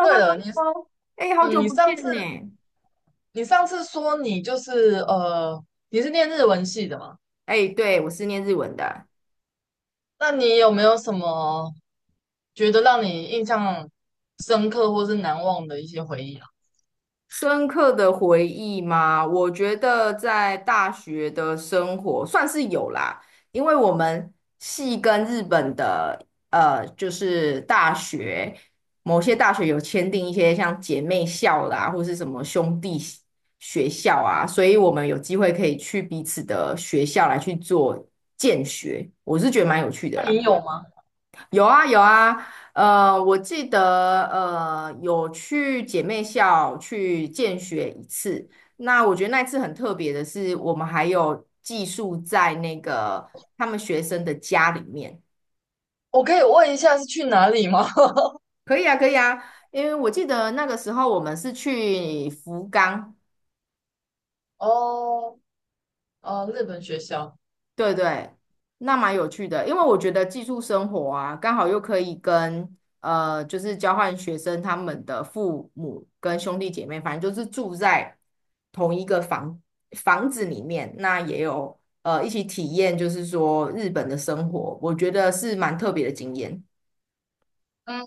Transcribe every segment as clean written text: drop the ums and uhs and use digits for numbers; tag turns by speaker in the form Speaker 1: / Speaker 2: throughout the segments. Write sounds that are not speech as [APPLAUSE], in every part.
Speaker 1: 对了，你
Speaker 2: 哎，好久
Speaker 1: 你
Speaker 2: 不
Speaker 1: 上次
Speaker 2: 见呢！
Speaker 1: 说你你是念日文系的嘛？
Speaker 2: 哎，对，我是念日文的。
Speaker 1: 那你有没有什么觉得让你印象深刻或是难忘的一些回忆啊？
Speaker 2: 深刻的回忆吗？我觉得在大学的生活算是有啦，因为我们系跟日本的就是大学某些大学有签订一些像姐妹校啦，或是什么兄弟学校啊，所以我们有机会可以去彼此的学校来去做见学，我是觉得蛮有趣的
Speaker 1: 那
Speaker 2: 啦。
Speaker 1: 你有吗？
Speaker 2: 有啊有啊，我记得有去姐妹校去见学一次。那我觉得那次很特别的是，我们还有寄宿在那个他们学生的家里面。
Speaker 1: 我可以问一下是去哪里吗？
Speaker 2: 可以啊，可以啊，因为我记得那个时候我们是去福冈，
Speaker 1: [LAUGHS] 哦，日本学校。
Speaker 2: 对对，那蛮有趣的，因为我觉得寄宿生活啊，刚好又可以跟就是交换学生他们的父母跟兄弟姐妹，反正就是住在同一个房子里面，那也有一起体验，就是说日本的生活，我觉得是蛮特别的经验。
Speaker 1: 嗯，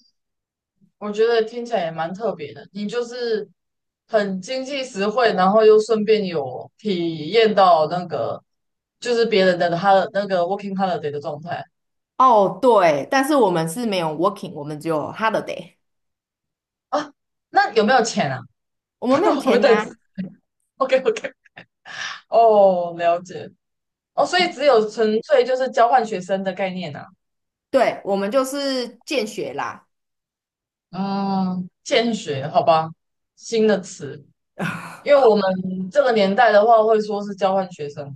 Speaker 1: 我觉得听起来也蛮特别的。你就是很经济实惠，然后又顺便有体验到那个就是别人的他的那个 working holiday 的状态。
Speaker 2: 哦，对，但是我们是没有 working，我们只有 holiday，
Speaker 1: 啊，那有没有钱啊？
Speaker 2: 我们没有
Speaker 1: [LAUGHS] 我不
Speaker 2: 钱
Speaker 1: 对
Speaker 2: 拿，
Speaker 1: ，OK OK,哦，了解，哦，所以只有纯粹就是交换学生的概念啊。
Speaker 2: 对，我们就是见学啦。
Speaker 1: 嗯，见学，好吧，新的词，因为我们这个年代的话会说是交换学生。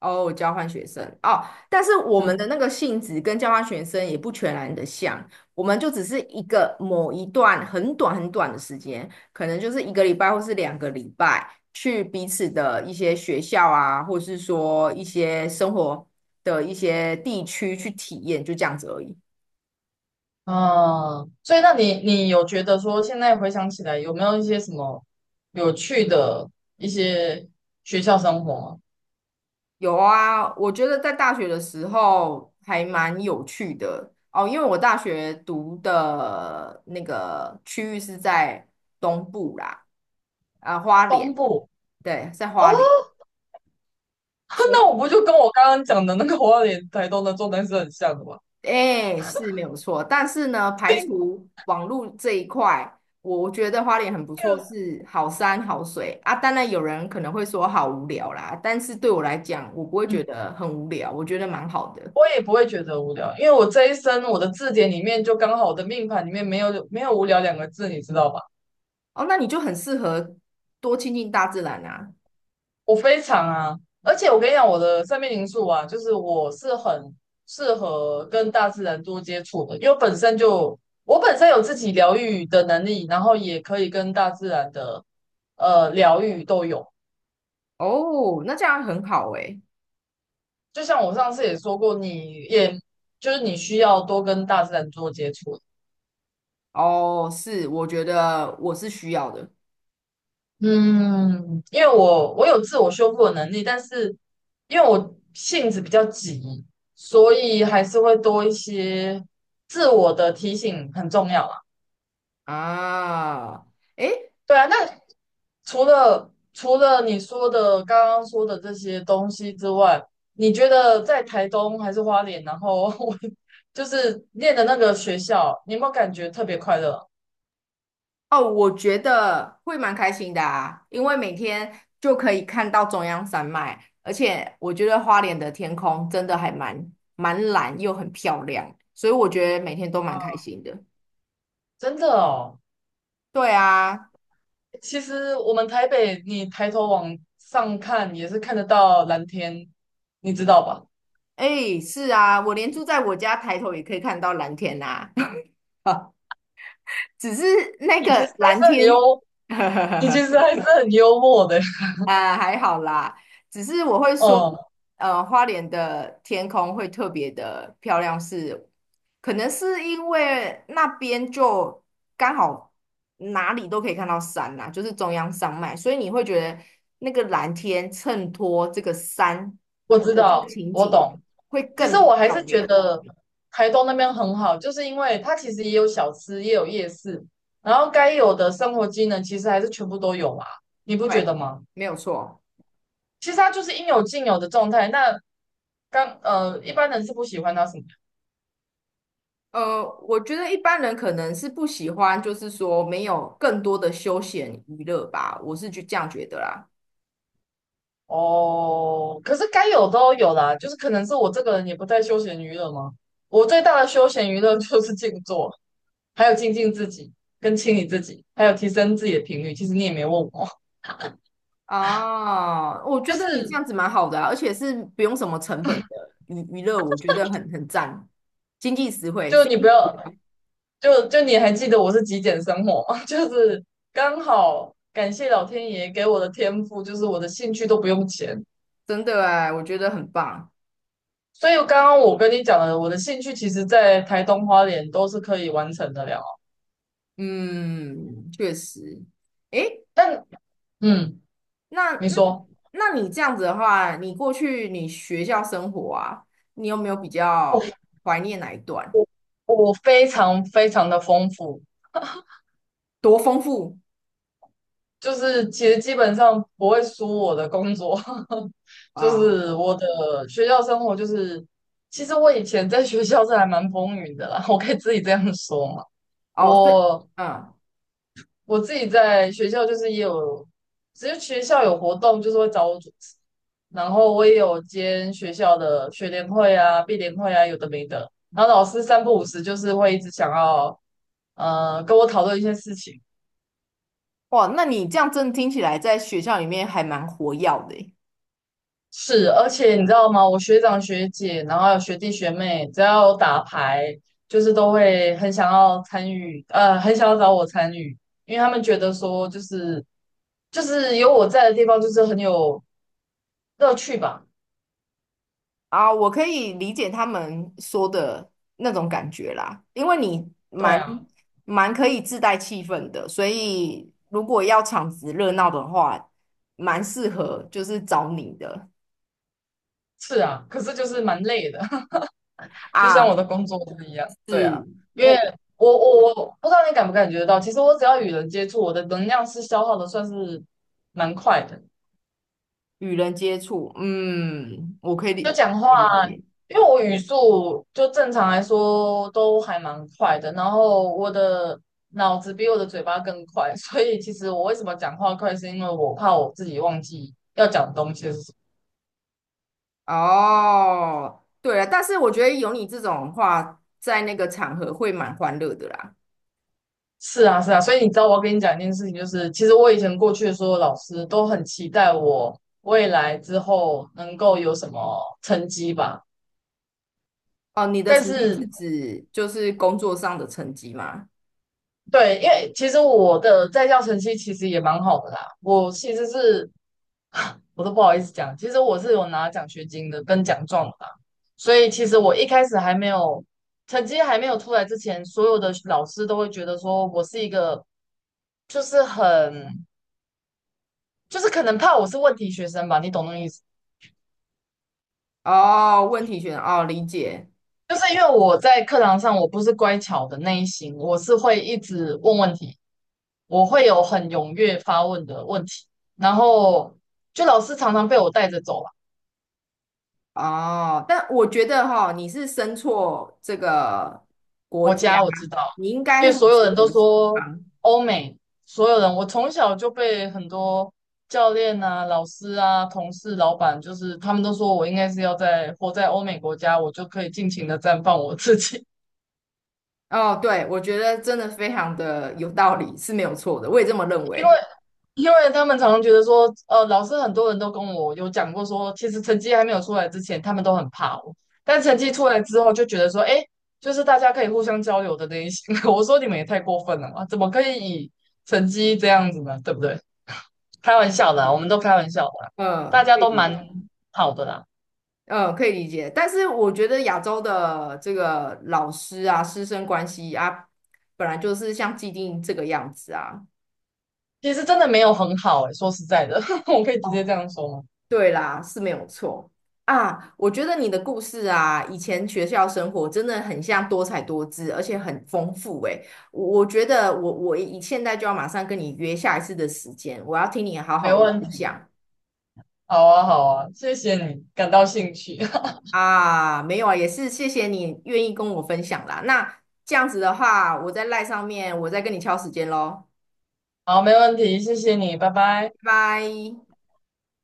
Speaker 2: 哦，交换学生哦，但是我们
Speaker 1: 嗯，
Speaker 2: 的那个性质跟交换学生也不全然的像，我们就只是一个某一段很短很短的时间，可能就是一个礼拜或是两个礼拜，去彼此的一些学校啊，或是说一些生活的一些地区去体验，就这样子而已。
Speaker 1: 啊，所以那你有觉得说现在回想起来有没有一些什么有趣的一些学校生活吗？
Speaker 2: 有啊，我觉得在大学的时候还蛮有趣的哦，因为我大学读的那个区域是在东部啦。啊，花
Speaker 1: 东
Speaker 2: 莲，
Speaker 1: 部。
Speaker 2: 对，在
Speaker 1: 哦，
Speaker 2: 花莲，
Speaker 1: [LAUGHS]
Speaker 2: 所
Speaker 1: 那
Speaker 2: 以
Speaker 1: 我不就跟我刚刚讲的那个花莲、台东的状态是很像的吗？
Speaker 2: 哎是没有错。但是呢，排
Speaker 1: [LAUGHS]
Speaker 2: 除网络这一块，我觉得花莲很不错，
Speaker 1: 嗯，
Speaker 2: 是好山好水啊。当然有人可能会说好无聊啦，但是对我来讲，我不会觉得很无聊，我觉得蛮好的。
Speaker 1: 我也不会觉得无聊，因为我这一生我的字典里面就刚好我的命盘里面没有无聊两个字，你知道吧？
Speaker 2: 哦，那你就很适合多亲近大自然啊。
Speaker 1: 我非常啊，而且我跟你讲，我的生命灵数啊，就是我是很适合跟大自然多接触的，因为本身就我本身有自己疗愈的能力，然后也可以跟大自然的疗愈都有。
Speaker 2: 哦，那这样很好诶。
Speaker 1: 就像我上次也说过，你也就是你需要多跟大自然多接触。
Speaker 2: 哦，是，我觉得我是需要的
Speaker 1: 嗯，因为我有自我修复的能力，但是因为我性子比较急，所以还是会多一些自我的提醒很重要啊。
Speaker 2: 啊。诶，
Speaker 1: 对啊，那除了你说的刚刚说的这些东西之外，你觉得在台东还是花莲，然后 [LAUGHS] 我就是念的那个学校，你有没有感觉特别快乐？
Speaker 2: 哦，我觉得会蛮开心的啊，因为每天就可以看到中央山脉，而且我觉得花莲的天空真的还蛮蓝又很漂亮，所以我觉得每天都蛮开心的。
Speaker 1: 真的哦。
Speaker 2: 对啊，
Speaker 1: 其实我们台北，你抬头往上看也是看得到蓝天，你知道吧？
Speaker 2: 哎，是啊，我连住在我家抬头也可以看到蓝天啊，[LAUGHS] 只是那
Speaker 1: 你其实
Speaker 2: 个
Speaker 1: 还
Speaker 2: 蓝
Speaker 1: 是很
Speaker 2: 天，
Speaker 1: 幽，你其
Speaker 2: [LAUGHS]
Speaker 1: 实还是很幽默的。
Speaker 2: 啊，还好啦，只是我会
Speaker 1: [LAUGHS]
Speaker 2: 说，
Speaker 1: 嗯，
Speaker 2: 花莲的天空会特别的漂亮是，可能是因为那边就刚好哪里都可以看到山啦，就是中央山脉，所以你会觉得那个蓝天衬托这个山
Speaker 1: 我知
Speaker 2: 的这个
Speaker 1: 道，
Speaker 2: 情
Speaker 1: 我
Speaker 2: 景
Speaker 1: 懂。
Speaker 2: 会
Speaker 1: 其实
Speaker 2: 更
Speaker 1: 我还
Speaker 2: 漂
Speaker 1: 是觉
Speaker 2: 亮。
Speaker 1: 得台东那边很好，就是因为它其实也有小吃，也有夜市，然后该有的生活机能其实还是全部都有啦，你不觉
Speaker 2: 对，
Speaker 1: 得吗？
Speaker 2: 没有错。
Speaker 1: 其实它就是应有尽有的状态。那刚一般人是不喜欢它什么。
Speaker 2: 我觉得一般人可能是不喜欢，就是说没有更多的休闲娱乐吧，我是就这样觉得啦。
Speaker 1: 哦，可是该有都有啦，就是可能是我这个人也不太休闲娱乐嘛。我最大的休闲娱乐 [LAUGHS] 就是静坐，还有静静自己，跟清理自己，还有提升自己的频率。其实你也没问我，
Speaker 2: 哦，我
Speaker 1: 就
Speaker 2: 觉得你这
Speaker 1: 是
Speaker 2: 样子蛮好的啊，而且是不用什么成本的娱乐，我觉得很赞，经济实惠，
Speaker 1: 就
Speaker 2: 是
Speaker 1: 你不要就就你还记得我是极简生活吗？[LAUGHS] 就是刚好感谢老天爷给我的天赋，就是我的兴趣都不用钱。
Speaker 2: 真的哎，我觉得很棒。
Speaker 1: 所以刚刚我跟你讲的，我的兴趣其实在台东花莲都是可以完成的了。
Speaker 2: 嗯，确实。诶，
Speaker 1: 但嗯，
Speaker 2: 那
Speaker 1: 你
Speaker 2: 那
Speaker 1: 说。
Speaker 2: 那你这样子的话，你过去你学校生活啊，你有没有比较
Speaker 1: 哦，
Speaker 2: 怀念哪一段？
Speaker 1: 我非常非常的丰富，
Speaker 2: 多丰富
Speaker 1: 就是其实基本上不会输我的工作。[LAUGHS] 就
Speaker 2: 啊！
Speaker 1: 是我的学校生活就是，其实我以前在学校是还蛮风云的啦，[LAUGHS] 我可以自己这样说嘛。
Speaker 2: 哦，对，
Speaker 1: 我
Speaker 2: 嗯，
Speaker 1: 我自己在学校就是也有，只是学校有活动就是会找我主持，然后我也有兼学校的学联会啊、毕联会啊，有的没的。然后老师三不五时就是会一直想要跟我讨论一些事情。
Speaker 2: 哇，那你这样真的听起来在学校里面还蛮活跃的诶。
Speaker 1: 是，而且你知道吗？我学长学姐，然后还有学弟学妹，只要有打牌，就是都会很想要参与，很想要找我参与，因为他们觉得说，就是有我在的地方，就是很有乐趣吧。
Speaker 2: 啊，我可以理解他们说的那种感觉啦，因为你
Speaker 1: 对
Speaker 2: 蛮
Speaker 1: 啊，
Speaker 2: 蛮可以自带气氛的，所以如果要场子热闹的话，蛮适合就是找你的
Speaker 1: 是啊，可是就是蛮累的，[LAUGHS] 就像我
Speaker 2: 啊，
Speaker 1: 的工作是一样。对啊，
Speaker 2: 是
Speaker 1: 因为
Speaker 2: 我
Speaker 1: 我不知道你感不感觉得到，其实我只要与人接触，我的能量是消耗的，算是蛮快的。
Speaker 2: 与人接触，嗯，我可以理
Speaker 1: 就讲话，
Speaker 2: 可以理解。
Speaker 1: 因为我语速就正常来说都还蛮快的，然后我的脑子比我的嘴巴更快，所以其实我为什么讲话快，是因为我怕我自己忘记要讲的东西是什么。
Speaker 2: 哦，对了，但是我觉得有你这种话，在那个场合会蛮欢乐的啦。
Speaker 1: 是啊，是啊，所以你知道我要跟你讲一件事情，就是其实我以前过去的所有老师都很期待我未来之后能够有什么成绩吧。
Speaker 2: 哦，你的
Speaker 1: 但
Speaker 2: 成绩是
Speaker 1: 是
Speaker 2: 指就是工作上的成绩吗？
Speaker 1: 对，因为其实我的在校成绩其实也蛮好的啦，我其实是 [LAUGHS] [SIGHS] 我都不好意思讲，其实我是有拿奖学金的跟奖状的啦。所以其实我一开始还没有成绩还没有出来之前，所有的老师都会觉得说我是一个就是很就是可能怕我是问题学生吧，你懂那个意思？
Speaker 2: 哦，问题选哦，理解
Speaker 1: 就是因为我在课堂上我不是乖巧的那一型，我是会一直问问题，我会有很踊跃发问的问题，然后就老师常常被我带着走了。
Speaker 2: 哦，但我觉得哈、你是生错这个国
Speaker 1: 我
Speaker 2: 家，
Speaker 1: 家我知道，
Speaker 2: 你应
Speaker 1: 因为
Speaker 2: 该很
Speaker 1: 所
Speaker 2: 适
Speaker 1: 有人都
Speaker 2: 合西
Speaker 1: 说
Speaker 2: 方。
Speaker 1: 欧美，所有人我从小就被很多教练啊、老师啊、同事、老板，就是他们都说我应该是要在活在欧美国家，我就可以尽情的绽放我自己。
Speaker 2: 哦，对，我觉得真的非常的有道理，是没有错的，我也这么认
Speaker 1: 因为
Speaker 2: 为。
Speaker 1: 因为他们常常觉得说，老师很多人都跟我有讲过说，其实成绩还没有出来之前，他们都很怕我，但成绩出来之后就觉得说，哎，就是大家可以互相交流的那一些。[LAUGHS] 我说你们也太过分了嘛，怎么可以以成绩这样子呢？对不对？开玩笑的啊，我们都开玩笑的啊，大
Speaker 2: 嗯，
Speaker 1: 家
Speaker 2: 可以
Speaker 1: 都
Speaker 2: 理解，
Speaker 1: 蛮好的啦。
Speaker 2: 嗯，可以理解。但是我觉得亚洲的这个老师啊，师生关系啊，本来就是像既定这个样子啊。
Speaker 1: 其实真的没有很好哎、说实在的，[LAUGHS] 我可以直接这
Speaker 2: 哦
Speaker 1: 样说吗？
Speaker 2: 对啦，是没有错啊。我觉得你的故事啊，以前学校生活真的很像多彩多姿，而且很丰富诶。我觉得我以现在就要马上跟你约下一次的时间，我要听你好
Speaker 1: 没
Speaker 2: 好的
Speaker 1: 问
Speaker 2: 分
Speaker 1: 题，
Speaker 2: 享
Speaker 1: 好啊，好啊，谢谢你，感到兴趣。
Speaker 2: 啊。没有啊，也是谢谢你愿意跟我分享啦。那这样子的话，我在赖上面，我再跟你敲时间喽，
Speaker 1: [LAUGHS] 好，没问题，谢谢你，拜拜。
Speaker 2: 拜拜。